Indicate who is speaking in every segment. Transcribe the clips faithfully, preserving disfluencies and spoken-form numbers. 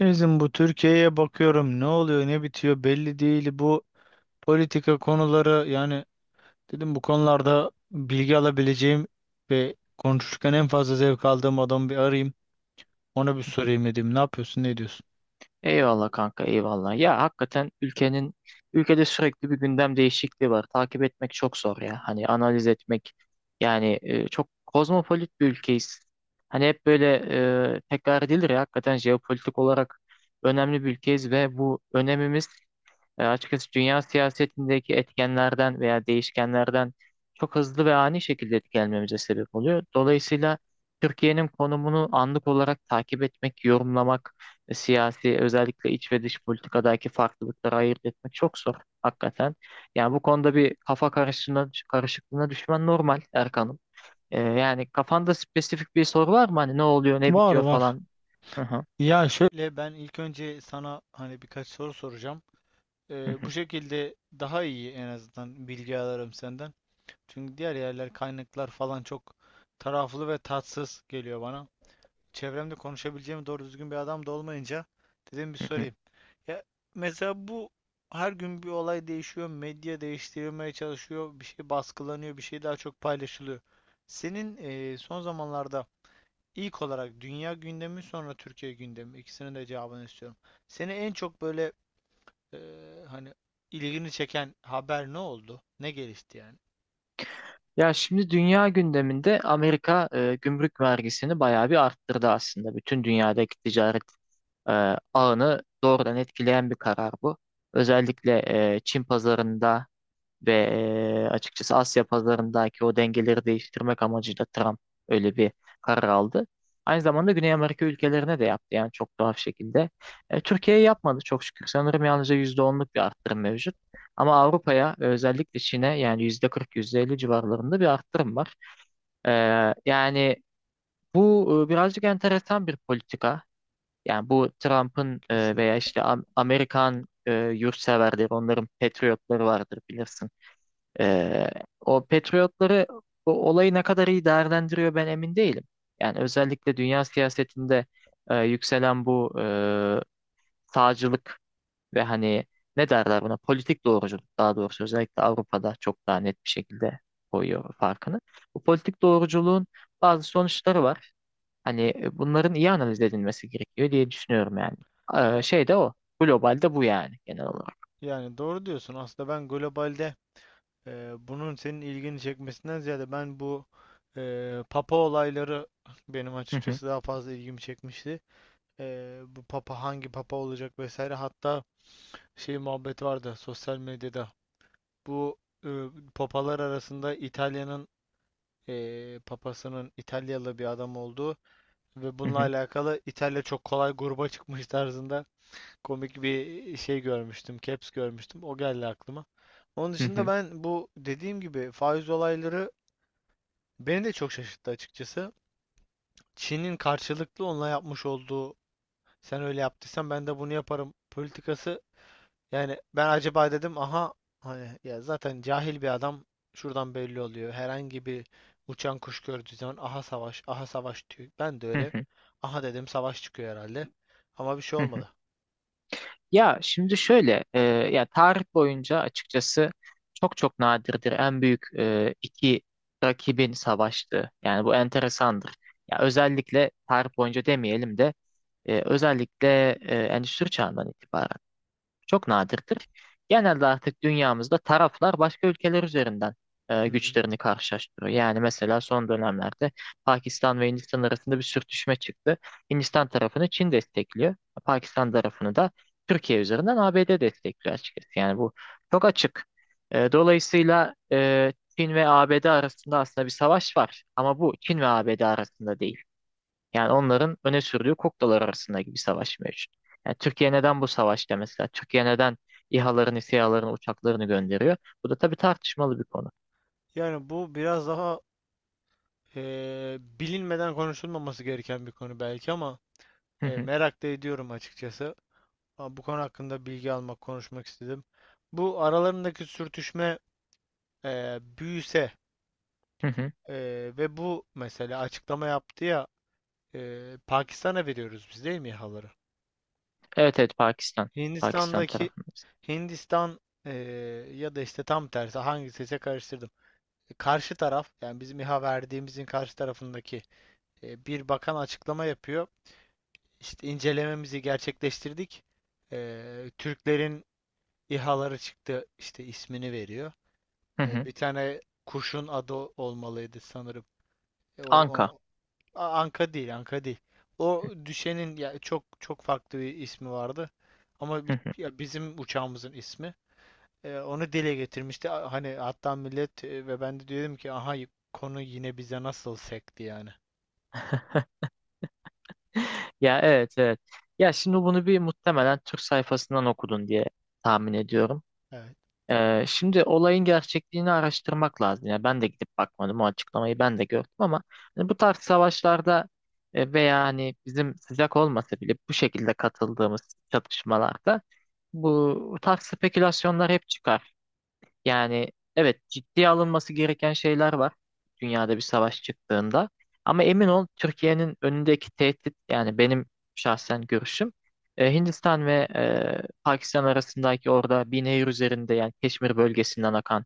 Speaker 1: Bizim bu Türkiye'ye bakıyorum, ne oluyor ne bitiyor belli değil, bu politika konuları yani. Dedim bu konularda bilgi alabileceğim ve konuşurken en fazla zevk aldığım adamı bir arayayım, ona bir sorayım. Dedim ne yapıyorsun, ne diyorsun?
Speaker 2: Eyvallah kanka eyvallah. Ya hakikaten ülkenin ülkede sürekli bir gündem değişikliği var. Takip etmek çok zor ya. Hani analiz etmek yani e, çok kozmopolit bir ülkeyiz. Hani hep böyle e, tekrar edilir ya hakikaten jeopolitik olarak önemli bir ülkeyiz ve bu önemimiz e, açıkçası dünya siyasetindeki etkenlerden veya değişkenlerden çok hızlı ve ani şekilde etkilenmemize sebep oluyor. Dolayısıyla Türkiye'nin konumunu anlık olarak takip etmek, yorumlamak, e, siyasi özellikle iç ve dış politikadaki farklılıkları ayırt etmek çok zor hakikaten. Yani bu konuda bir kafa karışıklığına, karışıklığına düşmen normal Erkan'ım. E, yani kafanda spesifik bir soru var mı? Hani ne oluyor, ne
Speaker 1: Var
Speaker 2: bitiyor
Speaker 1: var.
Speaker 2: falan? Hı
Speaker 1: Ya şöyle, ben ilk önce sana hani birkaç soru soracağım.
Speaker 2: hı.
Speaker 1: Ee, bu şekilde daha iyi en azından bilgi alırım senden. Çünkü diğer yerler, kaynaklar falan çok taraflı ve tatsız geliyor bana. Çevremde konuşabileceğim doğru düzgün bir adam da olmayınca dedim bir sorayım. Ya mesela bu her gün bir olay değişiyor, medya değiştirilmeye çalışıyor, bir şey baskılanıyor, bir şey daha çok paylaşılıyor. Senin eee, son zamanlarda ilk olarak dünya gündemi, sonra Türkiye gündemi, ikisinin de cevabını istiyorum. Seni en çok böyle eee, hani ilgini çeken haber ne oldu? Ne gelişti yani?
Speaker 2: Ya şimdi dünya gündeminde Amerika e, gümrük vergisini bayağı bir arttırdı aslında. Bütün dünyadaki ticaret e, ağını doğrudan etkileyen bir karar bu. Özellikle e, Çin pazarında ve e, açıkçası Asya pazarındaki o dengeleri değiştirmek amacıyla Trump öyle bir karar aldı. Aynı zamanda Güney Amerika ülkelerine de yaptı yani çok tuhaf şekilde. E, Türkiye'ye yapmadı çok şükür. Sanırım yalnızca yüzde onluk bir arttırım mevcut. Ama Avrupa'ya özellikle Çin'e yani yüzde kırk yüzde elli civarlarında bir arttırım var. E, yani bu e, birazcık enteresan bir politika. Yani bu Trump'ın e, veya
Speaker 1: Kesinlikle.
Speaker 2: işte Am- Amerikan e, yurtseverleri, onların patriotları vardır bilirsin. Ee, O patriotları bu olayı ne kadar iyi değerlendiriyor ben emin değilim. Yani özellikle dünya siyasetinde e, yükselen bu e, sağcılık ve hani ne derler buna politik doğruculuk daha doğrusu özellikle Avrupa'da çok daha net bir şekilde koyuyor farkını. Bu politik doğruculuğun bazı sonuçları var. Hani e, bunların iyi analiz edilmesi gerekiyor diye düşünüyorum yani. Ee,
Speaker 1: Ya-
Speaker 2: şey de o. Globalde bu yani genel olarak.
Speaker 1: Yani doğru diyorsun. Aslında ben globalde, Ee, bunun senin ilgini çekmesinden ziyade ben bu e, papa olayları benim açıkçası daha fazla ilgimi çekmişti. Ee, bu papa hangi papa olacak vesaire, hatta şey muhabbet vardı sosyal medyada. Bu e, papalar arasında İtalya'nın e, papasının İtalyalı bir adam olduğu ve
Speaker 2: Hı
Speaker 1: bununla
Speaker 2: hı,
Speaker 1: alakalı İtalya çok kolay gruba çıkmış tarzında komik bir şey görmüştüm, caps görmüştüm. O geldi aklıma. Onun
Speaker 2: hı
Speaker 1: dışında
Speaker 2: hı,
Speaker 1: ben bu dediğim gibi faiz olayları beni de çok şaşırttı açıkçası. Çin'in karşılıklı onunla yapmış olduğu "sen öyle yaptıysan ben de bunu yaparım" politikası. Yani ben acaba dedim, aha, hani ya zaten cahil bir adam, şuradan belli oluyor. Herhangi bir uçan kuş gördüğü zaman aha savaş aha savaş diyor. Ben de
Speaker 2: hı
Speaker 1: öyle
Speaker 2: hı,
Speaker 1: aha dedim, savaş çıkıyor herhalde. Ama bir şey
Speaker 2: hı hı.
Speaker 1: olmadı.
Speaker 2: Ya şimdi şöyle, e, ya tarih boyunca açıkçası çok çok nadirdir en büyük e, iki rakibin savaştığı. Yani bu enteresandır. Ya özellikle tarih boyunca demeyelim de e, özellikle e, Endüstri Çağı'ndan itibaren çok nadirdir. Genelde artık dünyamızda taraflar başka ülkeler üzerinden e,
Speaker 1: Hı hı.
Speaker 2: güçlerini karşılaştırıyor. Yani mesela son dönemlerde Pakistan ve Hindistan arasında bir sürtüşme çıktı. Hindistan tarafını Çin destekliyor. Pakistan tarafını da Türkiye üzerinden A B D destekliyor açıkçası. Yani bu çok açık. E, dolayısıyla e, Çin ve A B D arasında aslında bir savaş var. Ama bu Çin ve A B D arasında değil. Yani onların öne sürdüğü kuklalar arasındaki bir savaş mevcut. Yani Türkiye neden bu savaşta mesela? Türkiye neden İ H A'larını, S İ H A'larını, uçaklarını gönderiyor? Bu da tabii tartışmalı bir konu.
Speaker 1: Yani bu biraz daha eee, bilinmeden konuşulmaması gereken bir konu belki ama
Speaker 2: Hı
Speaker 1: eee,
Speaker 2: hı,
Speaker 1: merak da ediyorum açıkçası. Ama bu konu hakkında bilgi almak, konuşmak istedim. Bu aralarındaki sürtüşme eee, büyüse
Speaker 2: hı hı.
Speaker 1: eee, ve bu mesela açıklama yaptı ya, eee, İHA'ları veriyoruz biz değil mi, İHA'ları?
Speaker 2: Evet evet Pakistan. Pakistan
Speaker 1: Hindistan'daki
Speaker 2: tarafındayız.
Speaker 1: Hindistan, eee, ya da işte tam tersi, hangisi ise karıştırdım. E, karşı taraf, yani bizim İHA verdiğimizin karşı tarafındaki eee, bir bakan açıklama yapıyor. İşte incelememizi gerçekleştirdik. Eee, Türklerin İHA'ları çıktı, işte ismini veriyor.
Speaker 2: Hı
Speaker 1: E,
Speaker 2: hı.
Speaker 1: bir tane kuşun adı olmalıydı sanırım. E, or-
Speaker 2: Anka.
Speaker 1: onu, A- Anka değil, Anka değil. O düşenin ya çok çok farklı bir ismi vardı. Ama
Speaker 2: Hı
Speaker 1: bi-
Speaker 2: hı.
Speaker 1: ya bizim uçağımızın ismi. E, onu dile getirmişti. A- Hani hatta millet e, ve ben de dedim ki aha, konu yine bize nasıl sekti yani.
Speaker 2: Ya evet evet. Ya şimdi bunu bir muhtemelen Türk sayfasından okudun diye tahmin ediyorum.
Speaker 1: Evet.
Speaker 2: Ee, şimdi olayın gerçekliğini araştırmak lazım. Yani ben de gidip bakmadım. O açıklamayı ben de gördüm ama hani bu tarz savaşlarda e, veya hani bizim sıcak olmasa bile bu şekilde katıldığımız çatışmalarda bu tarz spekülasyonlar hep çıkar. Yani evet ciddiye alınması gereken şeyler var dünyada bir savaş çıktığında. Ama emin ol Türkiye'nin önündeki tehdit yani benim şahsen görüşüm e, Hindistan ve e, Pakistan arasındaki orada bir nehir üzerinde yani Keşmir bölgesinden akan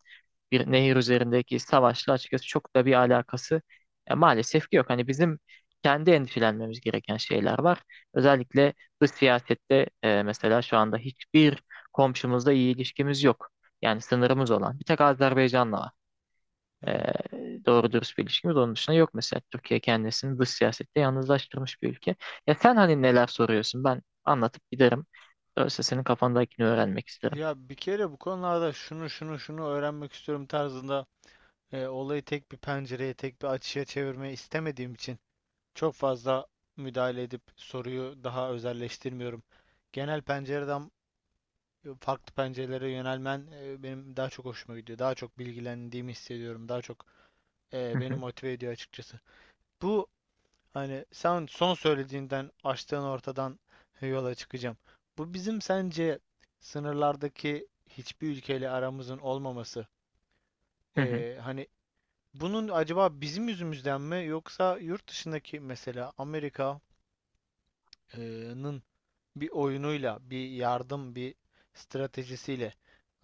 Speaker 2: bir nehir üzerindeki savaşla açıkçası çok da bir alakası e, maalesef ki yok. Hani bizim kendi endişelenmemiz gereken şeyler var. Özellikle dış siyasette e, mesela şu anda hiçbir komşumuzla iyi ilişkimiz yok. Yani sınırımız olan. Bir tek Azerbaycan'la var.
Speaker 1: Yani.
Speaker 2: Ee, doğru dürüst bir ilişkimiz. Onun dışında yok mesela. Türkiye kendisini dış siyasette yalnızlaştırmış bir ülke. Ya sen hani neler soruyorsun? Ben anlatıp giderim. Öyleyse senin kafandakini öğrenmek isterim.
Speaker 1: Ya bir kere bu konularda şunu şunu şunu öğrenmek istiyorum tarzında, e, olayı tek bir pencereye, tek bir açıya çevirmeyi istemediğim için çok fazla müdahale edip soruyu daha özelleştirmiyorum. Genel pencereden e, farklı pencerelere yönelmen e, benim daha çok hoşuma gidiyor. Daha çok bilgilendiğimi hissediyorum. Daha çok e,
Speaker 2: Hı
Speaker 1: beni
Speaker 2: hı,
Speaker 1: motive ediyor açıkçası. Bu, hani sen son söylediğinden, açtığın ortadan yola çıkacağım. Bu bizim sence sınırlardaki hiçbir ülkeyle aramızın olmaması.
Speaker 2: hı hı,
Speaker 1: Ee, hani bunun acaba bizim yüzümüzden mi, yoksa yurt dışındaki mesela Amerika'nın bir oyunuyla, bir yardım, bir stratejisiyle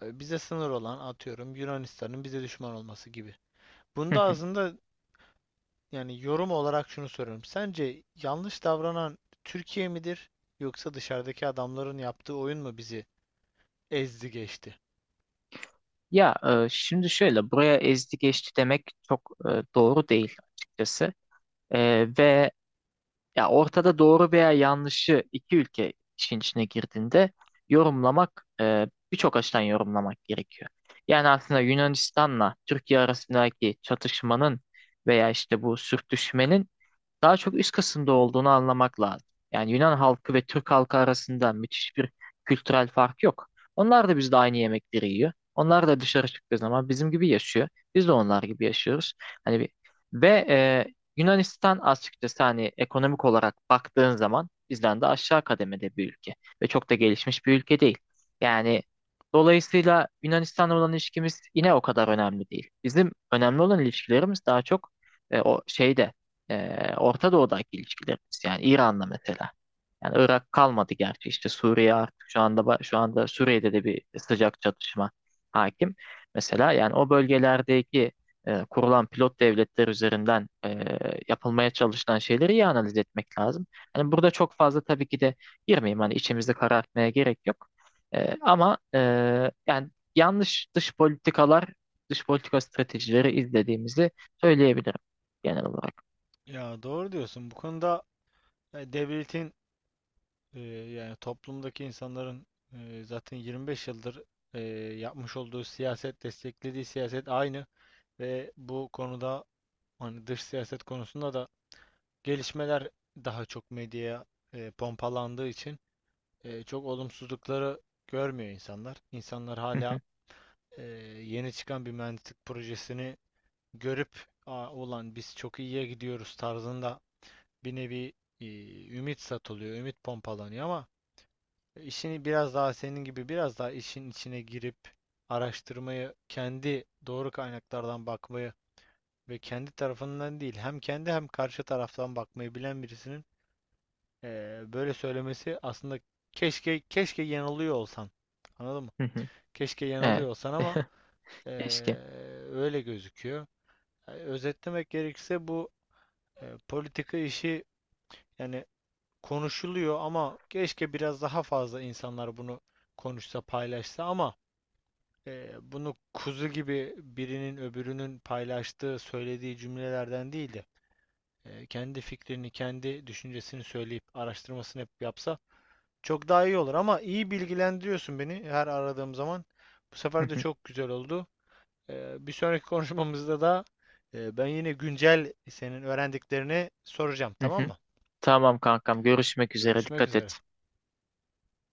Speaker 1: e, bize sınır olan, atıyorum, Yunanistan'ın bize düşman olması gibi.
Speaker 2: hı
Speaker 1: Bunda
Speaker 2: hı.
Speaker 1: aslında, yani yorum olarak şunu soruyorum. Sence yanlış davranan Türkiye midir, yoksa dışarıdaki adamların yaptığı oyun mu bizi ezdi geçti?
Speaker 2: Ya e, şimdi şöyle buraya ezdi geçti demek çok e, doğru değil açıkçası. E, ve ya ortada doğru veya yanlışı iki ülke işin içine girdiğinde yorumlamak e, birçok açıdan yorumlamak gerekiyor. Yani aslında Yunanistan'la Türkiye arasındaki çatışmanın veya işte bu sürtüşmenin daha çok üst kısımda olduğunu anlamak lazım. Yani Yunan halkı ve Türk halkı arasında müthiş bir kültürel fark yok. Onlar da bizde aynı yemekleri yiyor. Onlar da dışarı çıktığı zaman bizim gibi yaşıyor. Biz de onlar gibi yaşıyoruz. Hani bir- ve e, Yunanistan açıkçası hani ekonomik olarak baktığın zaman bizden de aşağı kademede bir ülke ve çok da gelişmiş bir ülke değil. Yani dolayısıyla Yunanistan'la olan ilişkimiz yine o kadar önemli değil. Bizim önemli olan ilişkilerimiz daha çok e, o şeyde e, Orta Doğu'daki ilişkilerimiz yani İran'la mesela. Yani Irak kalmadı gerçi işte Suriye artık şu anda ba- şu anda Suriye'de de bir sıcak çatışma hakim. Mesela yani o bölgelerdeki e, kurulan pilot devletler üzerinden e, yapılmaya çalışılan şeyleri iyi analiz etmek lazım. Hani burada çok fazla tabii ki de girmeyeyim hani içimizi karartmaya gerek yok. E, ama e, yani yanlış dış politikalar, dış politika stratejileri izlediğimizi söyleyebilirim genel olarak.
Speaker 1: Ya doğru diyorsun. Bu konuda e, devletin e, yani toplumdaki insanların e, zaten yirmi beş yıldır e, yapmış olduğu siyaset, desteklediği siyaset aynı ve bu konuda hani dış siyaset konusunda da gelişmeler daha çok medyaya e, pompalandığı için e, çok olumsuzlukları görmüyor insanlar. İnsanlar
Speaker 2: Hı
Speaker 1: hala
Speaker 2: hı,
Speaker 1: e, yeni çıkan bir mühendislik projesini görüp "Aa, ulan biz çok iyiye gidiyoruz" tarzında bir nevi e, ümit satılıyor, ümit pompalanıyor ama işini biraz daha senin gibi biraz daha işin içine girip araştırmayı, kendi doğru kaynaklardan bakmayı ve kendi tarafından değil, hem kendi hem karşı taraftan bakmayı bilen birisinin e, böyle söylemesi aslında, keşke keşke yanılıyor olsan. Anladın mı?
Speaker 2: hı hı.
Speaker 1: Keşke yanılıyor
Speaker 2: Evet.
Speaker 1: olsan ama e,
Speaker 2: Keşke.
Speaker 1: öyle gözüküyor. E, özetlemek gerekirse bu e, politika işi yani konuşuluyor ama keşke biraz daha fazla insanlar bunu konuşsa, paylaşsa ama e, bunu kuzu gibi birinin öbürünün paylaştığı, söylediği cümlelerden değil de e, kendi fikrini, kendi düşüncesini söyleyip araştırmasını hep yapsa çok daha iyi olur. Ama iyi bilgilendiriyorsun beni her aradığım zaman. Bu
Speaker 2: Hı
Speaker 1: sefer de
Speaker 2: hı,
Speaker 1: çok güzel oldu. Ee, bir sonraki konuşmamızda da e, ben yine güncel senin öğrendiklerini soracağım,
Speaker 2: hı
Speaker 1: tamam
Speaker 2: hı.
Speaker 1: mı?
Speaker 2: Tamam kankam görüşmek üzere
Speaker 1: Görüşmek
Speaker 2: dikkat
Speaker 1: üzere.
Speaker 2: et.